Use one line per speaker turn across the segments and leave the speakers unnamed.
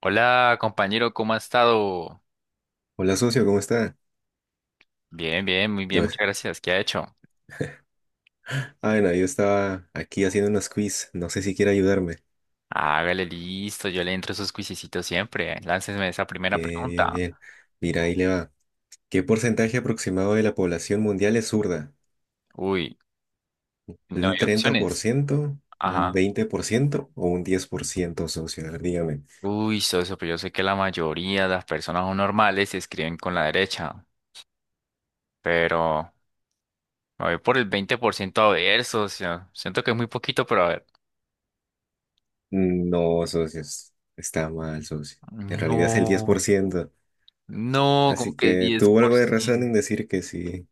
Hola, compañero, ¿cómo ha estado?
Hola socio, ¿cómo está?
Bien, bien, muy bien,
Yo,
muchas gracias. ¿Qué ha hecho?
bueno, yo estaba aquí haciendo unos quiz, no sé si quiere ayudarme.
Hágale listo, yo le entro a sus cuisecitos siempre. Láncesme esa primera
Bien, bien,
pregunta.
bien. Mira, ahí le va. ¿Qué porcentaje aproximado de la población mundial es zurda?
Uy, no
¿Un
hay
treinta por
opciones.
ciento, un
Ajá.
20% o un 10%, socio? A ver, dígame.
Uy, socio, pero yo sé que la mayoría de las personas no normales escriben con la derecha, pero me voy por el 20% a ver, socio. Siento que es muy poquito, pero a ver.
No, socio, está mal, socio. En realidad es el diez por
No,
ciento.
no, como
Así
que
que
diez
tuvo
por
algo de razón
ciento.
en decir que sí,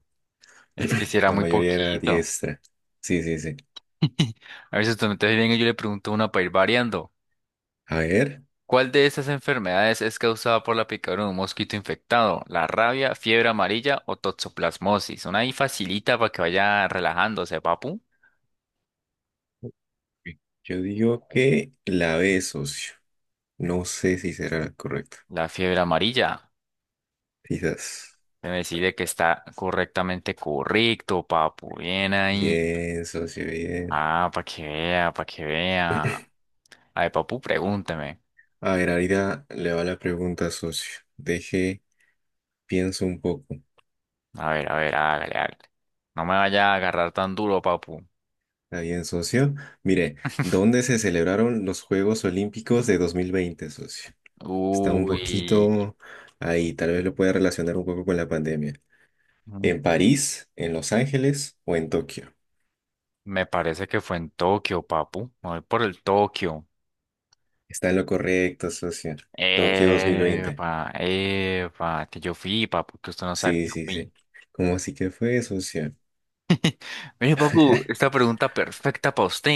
Es que si era
la
muy
mayoría era
poquito.
diestra. Sí, sí, sí.
A ver si usted me está bien, y yo le pregunto una para ir variando.
A ver.
¿Cuál de estas enfermedades es causada por la picadura de un mosquito infectado? ¿La rabia, fiebre amarilla o toxoplasmosis? Una ahí facilita para que vaya relajándose, papu.
Sí. Yo digo que la B, socio. No sé si será la correcta.
La fiebre amarilla.
Quizás.
Me decide que está correctamente correcto, papu. Bien ahí.
Bien, socio, bien.
Ah, para que vea, para que vea. A ver, papu, pregúnteme.
A ver, ahorita le va la pregunta, socio. Deje, pienso un poco.
A ver, hágale, hágale. No me vaya a agarrar tan duro, papu.
¿Está bien, socio? Mire, ¿dónde se celebraron los Juegos Olímpicos de 2020, socio? Está un
Uy.
poquito ahí, tal vez lo pueda relacionar un poco con la pandemia. ¿En París, en Los Ángeles o en Tokio?
Me parece que fue en Tokio, papu. Me voy por el Tokio.
Está en lo correcto, socio. Tokio 2020.
Eva, Eva, que yo fui, papu, que usted no sabe que
Sí,
yo
sí,
fui.
sí. ¿Cómo así que fue, socio?
Mire, papu, esta pregunta perfecta para usted.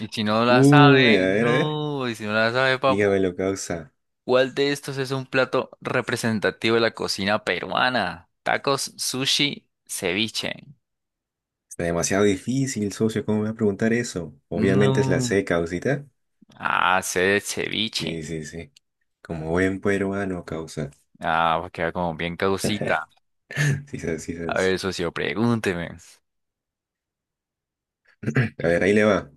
Y si no la
Uy, a
sabe,
ver, a ver.
no, y si no la sabe, papu,
Dígame lo, causa.
¿cuál de estos es un plato representativo de la cocina peruana? Tacos, sushi, ceviche.
Está demasiado difícil, socio. ¿Cómo me va a preguntar eso? Obviamente es la
No.
C, causita.
Ah, sé de ceviche.
Sí, sí, sí. Como buen peruano, causa.
Ah, pues queda como bien causita.
Sí, sabes, sí,
A
sabes.
ver, socio, pregúnteme.
A ver, ahí le va.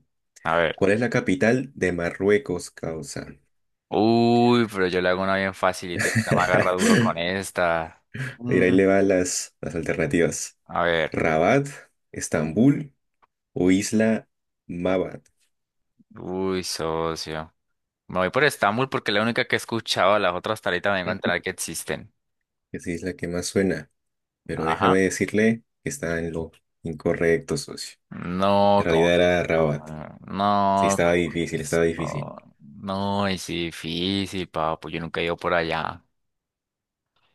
A ver.
¿Cuál es la capital de Marruecos, causa?
Uy, pero yo le hago una bien facilita, usted me agarra duro con esta.
Mira, ahí
Mm,
le van las alternativas.
a ver,
Rabat, Estambul o Isla Mabat.
uy, socio. Me voy por Estambul porque es la única que he escuchado, las otras hasta ahorita me vengo a enterar que existen.
Esa isla que más suena. Pero
Ajá.
déjame decirle que está en lo incorrecto, socio. En
No, como
realidad
que
era
esto,
Rabat.
no,
Sí,
no,
estaba
como que
difícil, estaba
esto,
difícil.
no, no, es difícil, papu, yo nunca he ido por allá.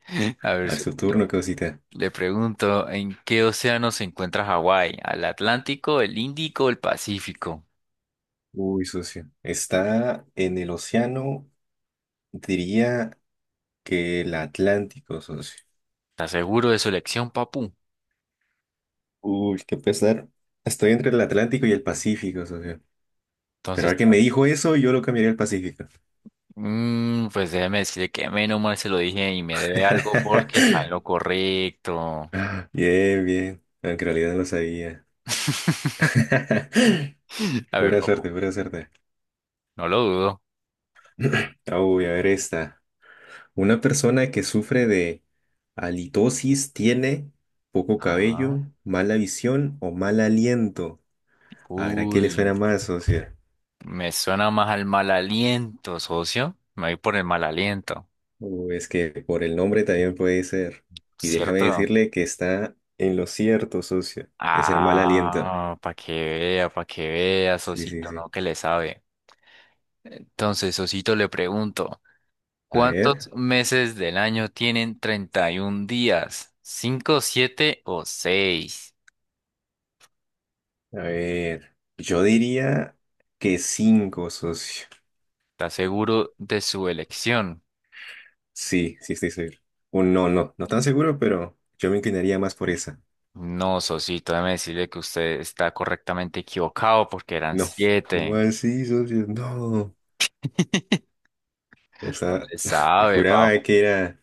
A ver,
A ver, su turno,
socio,
¿qué cosita?
le pregunto, ¿en qué océano se encuentra Hawái? ¿Al Atlántico, el Índico, o el Pacífico?
Uy, socio. Está en el océano, diría que el Atlántico, socio.
¿Estás seguro de su elección, papu?
Uy, qué pesar. Estoy entre el Atlántico y el Pacífico, socio. Pero
Entonces,
al que me
ah,
dijo eso, yo lo cambiaría al Pacífico.
mm, pues déjeme decirle que menos mal se lo dije y me debe algo porque está en lo correcto.
Bien, bien. Aunque en realidad no lo sabía.
A ver,
Pura
papu,
suerte, pura suerte.
no lo dudo.
Uy, a ver esta. Una persona que sufre de halitosis tiene poco
Ah,
cabello, mala visión o mal aliento. ¿Habrá qué le
uy,
suena más, socio?
me suena más al mal aliento, socio. Me voy por el mal aliento,
O es que por el nombre también puede ser. Y déjame
¿cierto?
decirle que está en lo cierto, socio. Es el mal aliento.
Ah, para que vea,
Sí, sí,
socito,
sí.
¿no? Que le sabe. Entonces, socito, le pregunto.
A ver,
¿Cuántos meses del año tienen 31 días? ¿Cinco, siete o seis?
a ver. Yo diría que cinco, socio.
¿Estás seguro de su elección?
Sí, sí estoy seguro. O no, no, no tan seguro, pero yo me inclinaría más por esa.
No, Sosito, déjeme decirle que usted está correctamente equivocado porque eran
No, ¿cómo
siete.
así, socio? No,
No
esa,
le
yo
sabe, papu.
juraba que era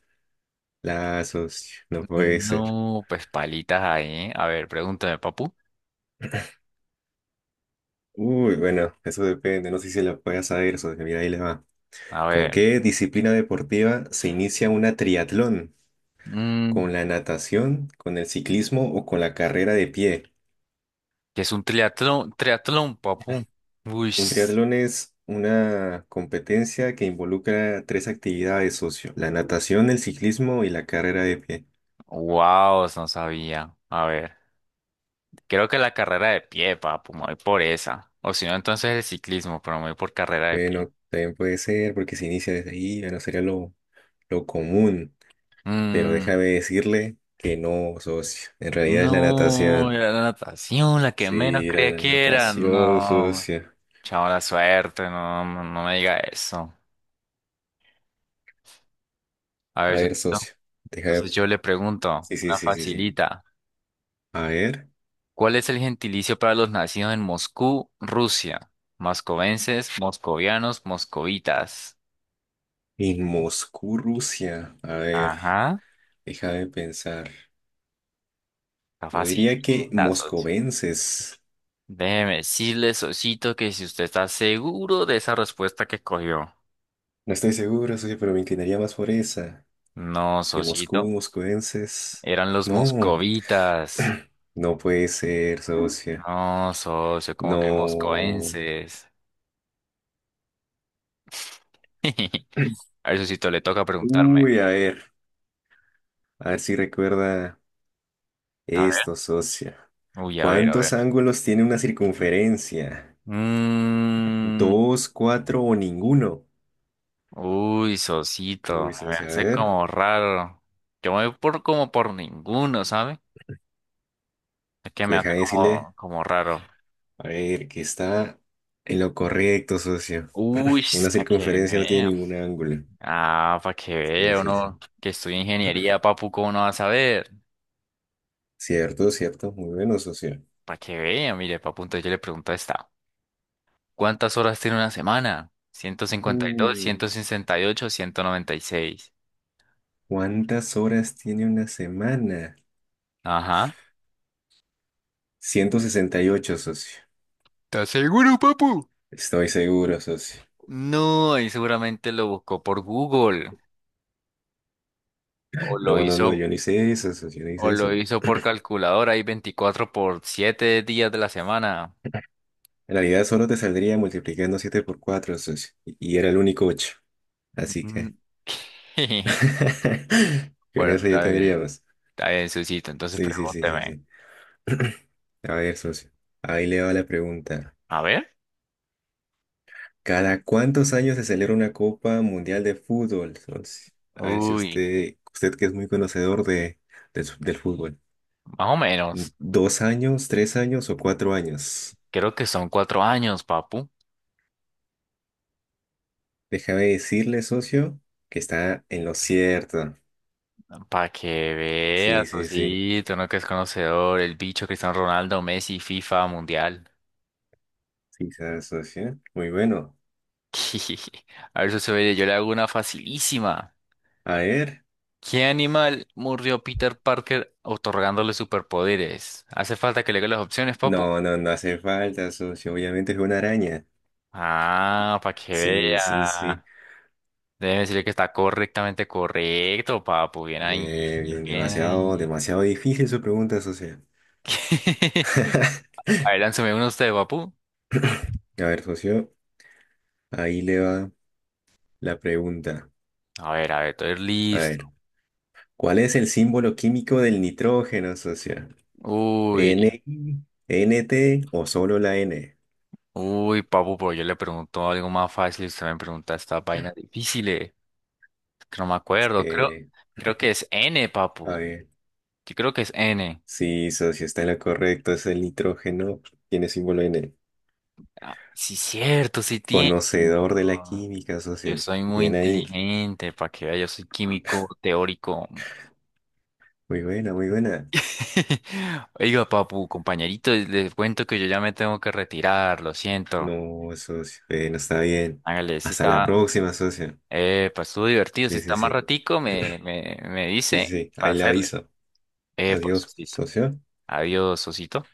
la, socio, no puede ser.
No, pues palitas ahí. ¿Eh? A ver, pregúntame, papu.
Uy, bueno, eso depende, no sé si la puedas saber, socio, mira, ahí le va.
A
¿Con
ver.
qué disciplina deportiva se inicia una triatlón?
Mm,
¿Con la natación, con el ciclismo o con la carrera de pie?
¿qué es un triatlón? Triatlón, papu. Uy,
Un triatlón es una competencia que involucra tres actividades, socio: la natación, el ciclismo y la carrera de pie.
wow, no sabía. A ver. Creo que la carrera de pie, papu, me voy por esa. O si no, entonces el ciclismo, pero me voy por carrera de pie.
Bueno, también puede ser porque se inicia desde ahí, bueno, sería lo común, pero
Mm,
déjame decirle que no, socio. En realidad es la
no,
natación.
era la natación, la que menos
Sí, era
creía
la
que era.
natación,
No,
socio.
chao la suerte, no, no, no me diga eso. A
A
ver,
ver,
Sosito,
socio, déjame.
entonces yo le pregunto,
Sí, sí,
una
sí, sí, sí.
facilita.
A ver,
¿Cuál es el gentilicio para los nacidos en Moscú, Rusia? Moscovenses, moscovianos, moscovitas.
en Moscú, Rusia. A ver,
Ajá,
déjame pensar.
está
Yo diría que
facilita, socio.
moscovenses.
Déjeme decirle, Sosito, que si usted está seguro de esa respuesta que cogió.
No estoy seguro, socio, pero me inclinaría más por esa.
No,
Que Moscú,
Sosito,
moscovenses.
eran los
No.
moscovitas.
No puede ser, socia.
No, socio, como que
No.
moscoenses. A ver, Sosito, le toca preguntarme.
Uy, a ver. A ver si recuerda
A ver,
esto, socia.
uy, a ver, a
¿Cuántos
ver.
ángulos tiene una circunferencia?
Mm,
¿Dos, cuatro o ninguno?
uy, Sosito,
Uy,
me
socia, a
hace
ver.
como raro. Yo me voy por como por ninguno, ¿sabe? Es que me
Deja
hace
de decirle.
como, como raro.
A ver, que está en lo correcto, socia.
Uy,
Una
para que
circunferencia no tiene
vea.
ningún ángulo.
Ah, para que
Sí,
vea
sí, sí.
uno que estudia ingeniería, papu, ¿cómo no va a saber?
Cierto, cierto. Muy bueno, socia.
Para que vea, mire, papu, entonces yo le pregunto esta. ¿Cuántas horas tiene una semana? Ciento cincuenta y dos,
Uh,
ciento sesenta y ocho, ciento noventa y seis.
¿Cuántas horas tiene una semana?
Ajá.
168, socio.
¿Estás seguro, papu?
Estoy seguro, socio.
No, ahí seguramente lo buscó por Google. O lo
No, no, no,
hizo,
yo no hice eso, socio, yo no
o
hice
lo
eso.
hizo por calculadora. Hay 24 por 7 días de la semana.
En realidad solo te saldría multiplicando 7 por 4, socio. Y era el único 8. Así
Mm.
que... Con
Bueno,
eso ya
está bien.
tendríamos.
Está bien, Susito. Entonces
Sí, sí, sí, sí,
pregúnteme.
sí. A ver, socio. Ahí le va la pregunta.
A ver.
¿Cada cuántos años se celebra una Copa Mundial de Fútbol, socio? A ver si
Uy,
usted que es muy conocedor de, del del fútbol.
más o menos.
¿2 años, 3 años o 4 años?
Creo que son cuatro años, papu.
Déjame decirle, socio, que está en lo cierto.
Para que
Sí,
veas,
sí, sí.
así, tú no que es conocedor, el bicho Cristiano Ronaldo, Messi, FIFA, Mundial.
Sí, sabe, socio. Muy bueno.
A ver, socio, mire, yo le hago una facilísima.
A ver.
¿Qué animal murió Peter Parker otorgándole superpoderes? ¿Hace falta que le diga las opciones, papu?
No, no, no hace falta, socio. Obviamente es una araña.
Ah, para que
Sí, sí, sí.
vea. Debe decirle que está correctamente correcto, papu. Bien ahí,
Bien,
bien
demasiado,
ahí.
demasiado difícil su pregunta, socio.
A ver, lánceme uno usted, papu.
A ver, socio, ahí le va la pregunta.
A ver, estoy
A
listo.
ver, ¿cuál es el símbolo químico del nitrógeno, socio?
Uy,
¿N I, N T o solo la N?
uy, papu, pero yo le pregunto algo más fácil y usted me pregunta esta vaina difícil. Que no me
Es
acuerdo, creo,
que,
creo que es N, papu.
a ver.
Yo creo que es N.
Sí, socio, está en lo correcto. Es el nitrógeno. Tiene símbolo en él.
Ah, sí, cierto, sí tiene.
Conocedor de la
Ah,
química,
yo
socio.
soy muy
Bien ahí.
inteligente, para que vea, yo soy químico teórico.
Muy buena, muy buena.
Oiga, papu, compañerito, les cuento que yo ya me tengo que retirar, lo siento.
No, socio. No está bien.
Hágale, sí
Hasta la
está.
próxima, socio.
Pues estuvo divertido. Si
Sí, sí,
está más
sí.
ratico, me
Sí, sí,
dice
sí.
para
Ahí la
hacerle.
aviso.
Pues,
Adiós,
Osito.
socio.
Adiós, Osito.